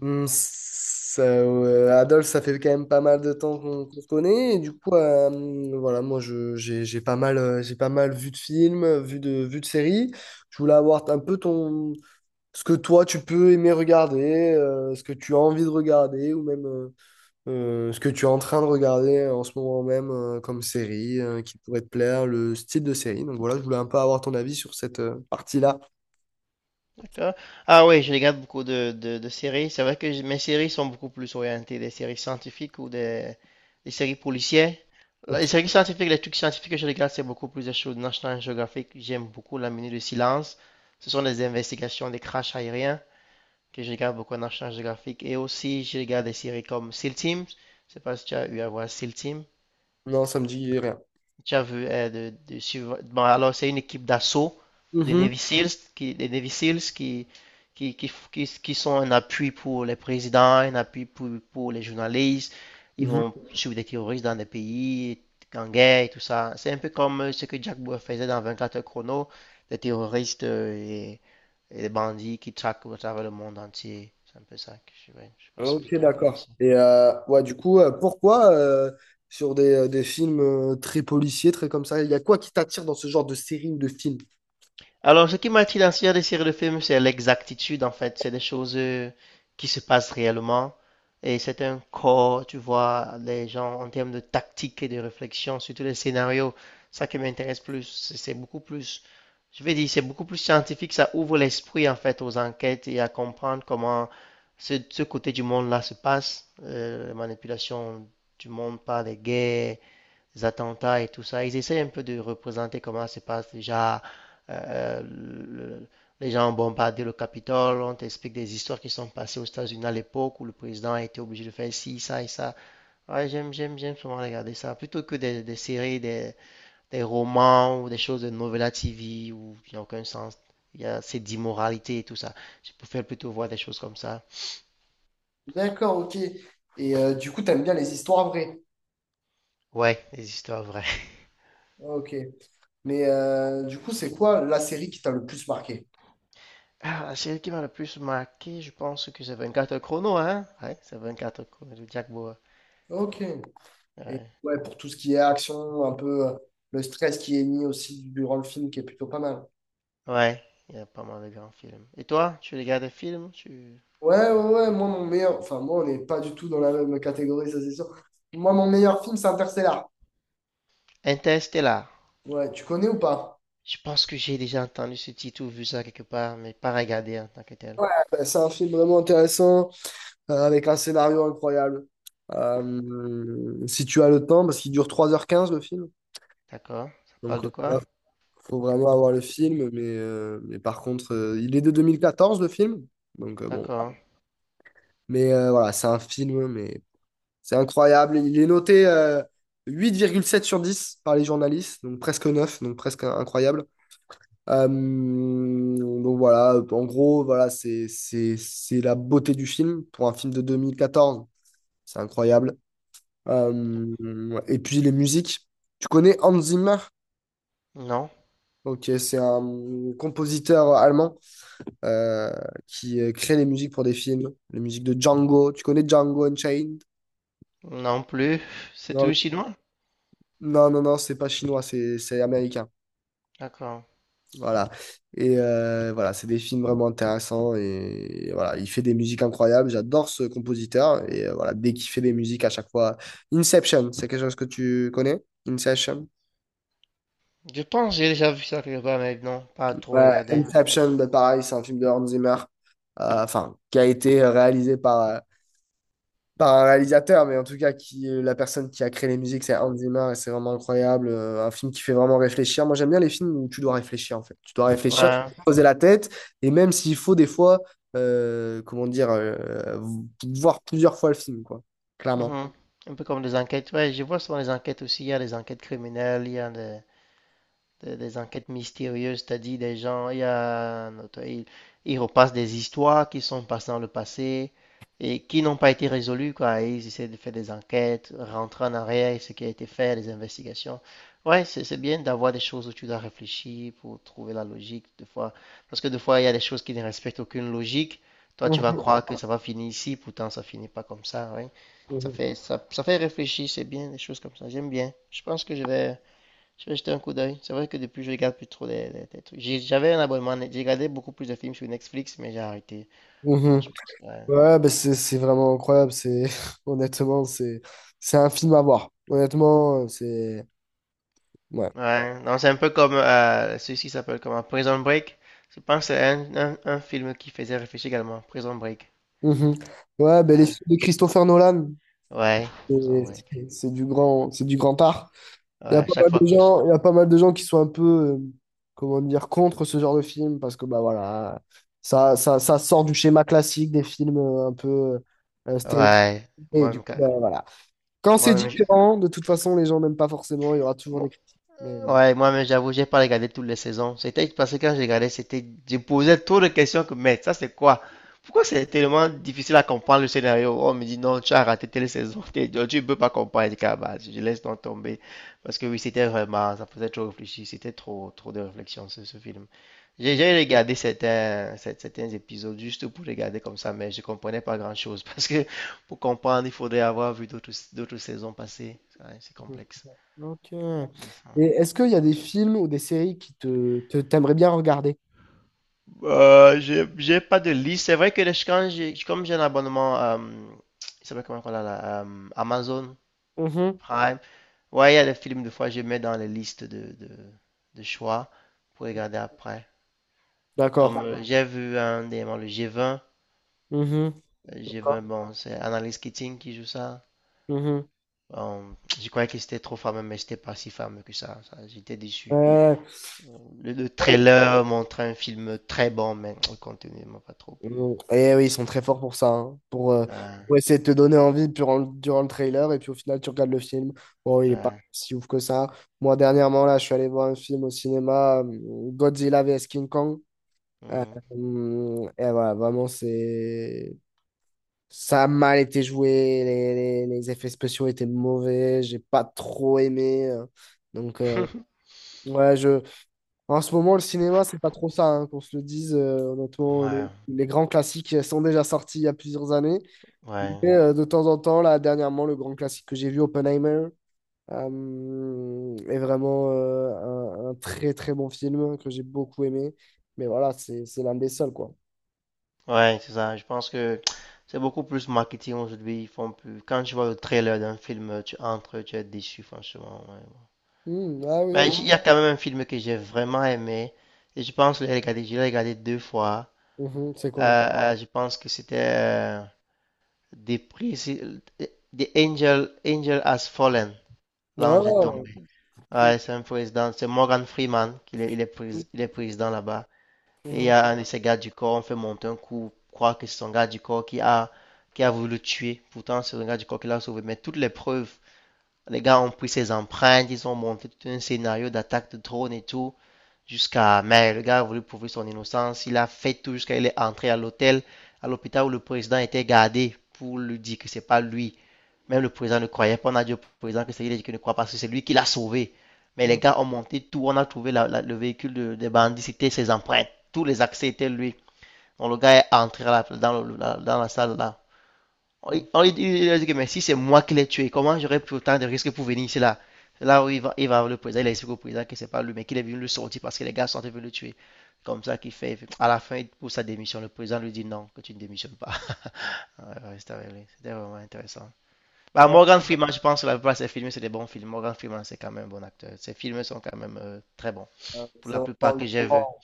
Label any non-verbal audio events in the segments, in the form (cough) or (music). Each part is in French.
Adolphe, ça fait quand même pas mal de temps qu'on se connaît. Et du coup, voilà, j'ai pas mal vu de films, vu de séries. Je voulais avoir un peu ton, ce que toi, tu peux aimer regarder, ce que tu as envie de regarder, ou même ce que tu es en train de regarder en ce moment même comme série, qui pourrait te plaire, le style de série. Donc voilà, je voulais un peu avoir ton avis sur cette partie-là. Ah, ah, oui, je regarde beaucoup de séries. C'est vrai que mes séries sont beaucoup plus orientées des séries scientifiques ou des séries policières. Ok. Les séries scientifiques, les trucs scientifiques que je regarde, c'est beaucoup plus des choses National Geographic. J'aime beaucoup La Minute de Silence. Ce sont des investigations des crashs aériens que je regarde beaucoup à National Geographic. Et aussi, je regarde des séries comme SEAL Team. Je sais pas si tu as eu à voir SEAL Team. Non, ça me dit rien. J'avoue, bon, alors c'est une équipe d'assaut des Mhm. Navy Seals qui, des Navy Seals qui, qui sont un appui pour les présidents, un appui pour les journalistes. Ils Mhm. vont suivre des terroristes dans des pays en guerre et tout ça. C'est un peu comme ce que Jack Bauer faisait dans 24 heures chrono, des terroristes et des bandits qui traquent à travers le monde entier. C'est un peu ça que je, ouais, je pense que je Ok, dois d'accord. avancer. Et ouais, du coup, pourquoi sur des films très policiers, très comme ça, il y a quoi qui t'attire dans ce genre de série ou de film? Alors, ce qui m'attire dans ce genre de série de films, c'est l'exactitude, en fait. C'est des choses qui se passent réellement. Et c'est un corps, tu vois, les gens, en termes de tactique et de réflexion, surtout les scénarios, ça qui m'intéresse plus. C'est beaucoup plus, je vais dire, c'est beaucoup plus scientifique. Ça ouvre l'esprit, en fait, aux enquêtes et à comprendre comment ce côté du monde-là se passe. La manipulation du monde par les guerres, les attentats et tout ça. Ils essaient un peu de représenter comment se passe déjà. euh, le- les gens ont bombardé le Capitole, on t'explique des histoires qui sont passées aux États-Unis à l'époque où le président a été obligé de faire ci, ça et ça. Ouais, j'aime souvent regarder ça. Plutôt que des romans ou des choses de novella TV où il n'y a aucun sens. Il y a cette immoralité et tout ça. Je préfère plutôt voir des choses comme ça. D'accord, ok. Et du coup, t'aimes bien les histoires vraies. Ouais, des histoires vraies. Ok. Mais du coup, c'est quoi la série qui t'a le plus marqué? Ah, la série qui m'a le plus marqué, je pense que c'est 24 chrono, hein? Ouais, c'est 24 chrono de Jack Bauer. Ok. Et Ouais. ouais, pour tout ce qui est action, un peu le stress qui est mis aussi durant le film, qui est plutôt pas mal. Ouais, il y a pas mal de grands films. Et toi, tu regardes des films? Tu... Ouais, ouais, ouais, moi, mon meilleur. Enfin, moi, on n'est pas du tout dans la même catégorie, ça c'est sûr. Moi, mon meilleur film, c'est Interstellar. Interstellar. Ouais, tu connais ou pas? Je pense que j'ai déjà entendu ce titre ou vu ça quelque part, mais pas regardé en tant que tel. Ouais. Ben, c'est un film vraiment intéressant, avec un scénario incroyable. Si tu as le temps, parce qu'il dure 3 h 15 le film. D'accord? Ça parle Donc de quoi? voilà, faut vraiment avoir le film. Mais par contre, il est de 2014 le film. Donc bon. D'accord. Mais voilà, c'est un film, mais c'est incroyable. Il est noté 8,7 sur 10 par les journalistes, donc presque 9 donc presque incroyable. Euh, donc voilà, en gros, voilà, c'est la beauté du film. Pour un film de 2014 c'est incroyable. Euh, et puis les musiques. Tu connais Hans Zimmer? Non. Ok, c'est un compositeur allemand euh, qui crée les musiques pour des films. Les musiques de Django. Tu connais Django Unchained? Non plus. C'est Non, tout chinois? Non, c'est pas chinois, c'est américain. D'accord. Voilà. Et voilà, c'est des films vraiment intéressants. Et, voilà, il fait des musiques incroyables. J'adore ce compositeur. Et voilà, dès qu'il fait des musiques à chaque fois. Inception, c'est quelque chose que tu connais? Inception? Je pense que j'ai déjà vu ça quelque part, mais non, pas trop Ouais, regardé. Inception, bah, pareil, c'est un film de Hans Zimmer. Enfin, qui a été réalisé par, par un réalisateur, mais en tout cas, qui, la personne qui a créé les musiques, c'est Hans Zimmer, et c'est vraiment incroyable. Un film qui fait vraiment réfléchir. Moi, j'aime bien les films où tu dois réfléchir, en fait. Tu dois réfléchir, tu Ouais. dois te poser la tête, et même s'il faut, des fois, comment dire, voir plusieurs fois le film, quoi, clairement. Mhm. Un peu comme des enquêtes. Ouais, je vois souvent les enquêtes aussi. Il y a des enquêtes criminelles, il y a des enquêtes mystérieuses, c'est-à-dire des gens, il y a, un auteur, il repasse des histoires qui sont passées dans le passé et qui n'ont pas été résolues, quoi. Et ils essaient de faire des enquêtes, rentrer en arrière, et ce qui a été fait, les investigations. Ouais, c'est bien d'avoir des choses où tu dois réfléchir pour trouver la logique, des fois. Parce que des fois, il y a des choses qui ne respectent aucune logique. Toi, tu vas Mhm, croire que ça va finir ici, pourtant ça finit pas comme ça, ouais. Ça mhm, fait, ça fait réfléchir, c'est bien, des choses comme ça. J'aime bien. Je pense que je vais jeter un coup d'œil. C'est vrai que depuis, je regarde plus trop les trucs. J'avais un abonnement, j'ai regardé beaucoup plus de films sur Netflix, mais j'ai arrêté. Non, mhm. je pense que... Ouais, Ouais, bah c'est vraiment incroyable. C'est (laughs) honnêtement, c'est un film à voir. Honnêtement, c'est ouais. ouais, non, c'est un peu comme celui-ci s'appelle comment? Prison Break. Je pense que c'est un film qui faisait réfléchir également. Prison Break. Mhm. Ouais, bah les Ouais, films de Christopher Nolan. ouais, Prison Et Break. C'est du grand art. Il y a Ouais, pas mal chaque fois. de gens, il y a pas mal de gens qui sont un peu, comment dire, contre ce genre de film parce que bah voilà, ça sort du schéma classique des films un peu stéréotypés. Ouais, Et du moi-même, coup, quand- bah, voilà. Quand c'est moi-même, j'ai- différent, de toute façon, les gens n'aiment pas forcément. Il y aura toujours des moi critiques. Mais... Ouais, moi-même, j'avoue, j'ai pas regardé toutes les saisons. C'était parce que quand je regardais, c'était, je posais trop de questions que, mais ça, c'est quoi? Pourquoi c'est tellement difficile à comprendre le scénario? On me dit, non, tu as raté telle saison, (laughs) tu ne peux pas comprendre. Je dis, ah, bah, je laisse donc tomber. Parce que oui, c'était vraiment, ça faisait trop réfléchir, c'était trop, trop de réflexion sur ce film. J'ai Mhm. j'ai regardé certains, certains épisodes juste pour regarder comme ça, mais je comprenais pas grand-chose. (laughs) Parce que pour comprendre, il faudrait avoir vu d'autres saisons passées. Ouais, c'est complexe. Ok. Et Mhm. est-ce qu'il y a des films ou des séries qui t'aimerais bien regarder? J'ai pas de liste. C'est vrai que quand j'ai, comme j'ai un abonnement, il s'appelle comment qu'on a là, Amazon Mhm. Prime. Ouais, il y a des films, des fois, je mets dans les listes de choix pour regarder après. Comme D'accord. J'ai vu un dernièrement, le G20. Mhm. Le G20, D'accord. bon, c'est Annalise Keating qui joue ça. Mhm. Euh, je croyais que c'était trop fameux, mais c'était pas si fameux que ça. Ça, j'étais déçu. Ouais. Le trailer montrait un film très bon, mais le contenu m'a pas trop plu. Mm. Et oui, ils sont très forts pour ça, hein, pour, Ah, pour essayer de te donner envie durant, durant le trailer, et puis au final, tu regardes le film. Bon, il est pas ah, si ouf que ça. Moi, dernièrement, là, je suis allé voir un film au cinéma, Godzilla vs King Kong. Mhm. Et voilà, vraiment, c'est... Ça a mal été joué, les effets spéciaux étaient mauvais, j'ai pas trop aimé. donc, euh, (laughs) ouais, je... En ce moment, le cinéma, c'est pas trop ça, hein, qu'on se le dise. Honnêtement, Ouais, les grands classiques sont déjà sortis il y a plusieurs années. ouais, Mais de temps en temps, là, dernièrement, le grand classique que j'ai vu, Oppenheimer, est vraiment un très très bon film que j'ai beaucoup aimé. Mais voilà, c'est l'un des seuls, quoi. ouais, c'est ça. Je pense que c'est beaucoup plus marketing aujourd'hui. Ils font plus. Quand tu vois le trailer d'un film, tu entres, tu es déçu, franchement. Ouais. Hmm, ah Mais oui, il y a quand même un film que j'ai vraiment aimé. Et je pense que je l'ai regardé deux fois. oui. Mhm, c'est quoi? Je pense que c'était des prix. The Angel, Angel Has Fallen. L'ange est Oh, tombé. ok. Ouais, c'est un président. C'est Morgan Freeman qui est, il est, prés- il est président là-bas. Et il y Mhm, a un de ses gardes du corps, on fait monter un coup, croire que c'est son garde du corps qui a voulu le tuer. Pourtant, c'est le garde du corps qui l'a sauvé. Mais toutes les preuves, les gars ont pris ses empreintes, ils ont monté tout un scénario d'attaque de drone et tout, jusqu'à. Mais le gars a voulu prouver son innocence, il a fait tout jusqu'à il est entré à l'hôtel, à l'hôpital où le président était gardé pour lui dire que c'est pas lui. Même le président ne croyait pas, on a dit au président que c'est lui qui ne croit pas, parce que c'est lui qui l'a sauvé. Mais mhm, les gars ont monté tout, on a trouvé le véhicule des bandits, c'était ses empreintes, tous les accès étaient lui. Donc le gars est entré dans, dans la salle là. mhm. On lui dit, il que mais si c'est moi qui l'ai tué, comment j'aurais pris autant de risques pour venir ici là? Là où il va voir le président, il a explique au président que c'est pas lui, mais qu'il est venu le sortir parce que les gars sont venus le tuer. Comme ça qu'il fait. À la fin, il pousse sa démission. Le président lui dit non, que tu ne démissionnes pas. (laughs) C'était vraiment intéressant. Bah, Ouais, Morgan Freeman, je pense que la plupart de ses films, c'est des bons films. Morgan Freeman, c'est quand même un bon acteur. Ses films sont quand même très bons. Pour c'est la vraiment plupart du que j'ai vu. grand,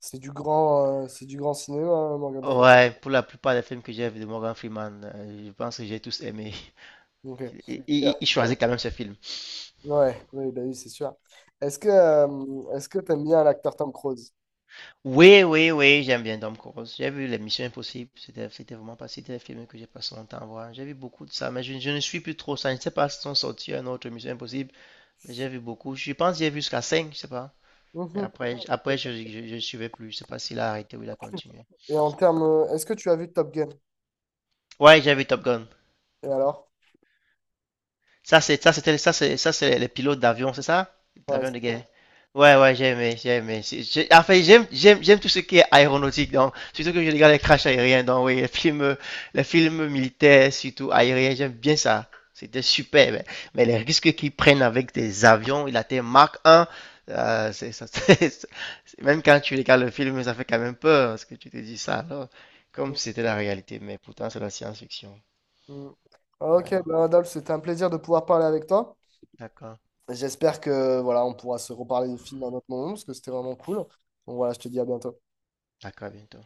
c'est du grand c'est du grand cinéma, hein, Morgan Freeman. Ouais, pour la plupart des films que j'ai vus de Morgan Freeman, je pense que j'ai tous aimé. (laughs) Il, Ok. il- il choisit quand même ce film. Ouais, oui, bah oui, c'est sûr. Est-ce que t'aimes bien l'acteur Tom Cruise? Oui, oui, oui, j'aime bien Tom Cruise. J'ai vu Les Missions Impossibles. C'était, c'était vraiment pas, c'était des films que j'ai passé mon temps à voir. J'ai vu beaucoup de ça, mais je ne suis plus trop ça. Je ne sais pas si sont sortis un autre Mission Impossible, mais j'ai vu beaucoup. Je pense que j'ai vu jusqu'à 5, je sais pas. Mais Mhm. après, je suivais plus. Je sais pas s'il a arrêté ou il a continué. Et en termes, est-ce que tu as vu Top Gun? Ouais, j'ai vu Top Gun. Et alors? Ça, c'est, ça, c'était, ça, c'est les pilotes d'avion, c'est ça? Ouais. D'avion c'est- de guerre. Ouais, ouais, j'ai aimé. En fait, j'aime tout ce qui est aéronautique, donc, surtout que je regarde les crashs aériens, donc, oui, les films militaires, surtout aériens, j'aime bien ça. C'était super, mais les risques qu'ils prennent avec des avions, il a été Mark 1, c'est, ça, (laughs) c'est- même quand tu regardes le film, ça fait quand même peur, parce que tu te dis ça, alors, comme c'était la réalité, mais pourtant, c'est la science-fiction. Mhm. Ok, Ouais, bah, Adolphe, c'était un plaisir de pouvoir parler avec toi. d'accord, J'espère que voilà, on pourra se reparler de film à un autre moment parce que c'était vraiment cool. Donc voilà, je te dis à bientôt. d'accord, à bientôt.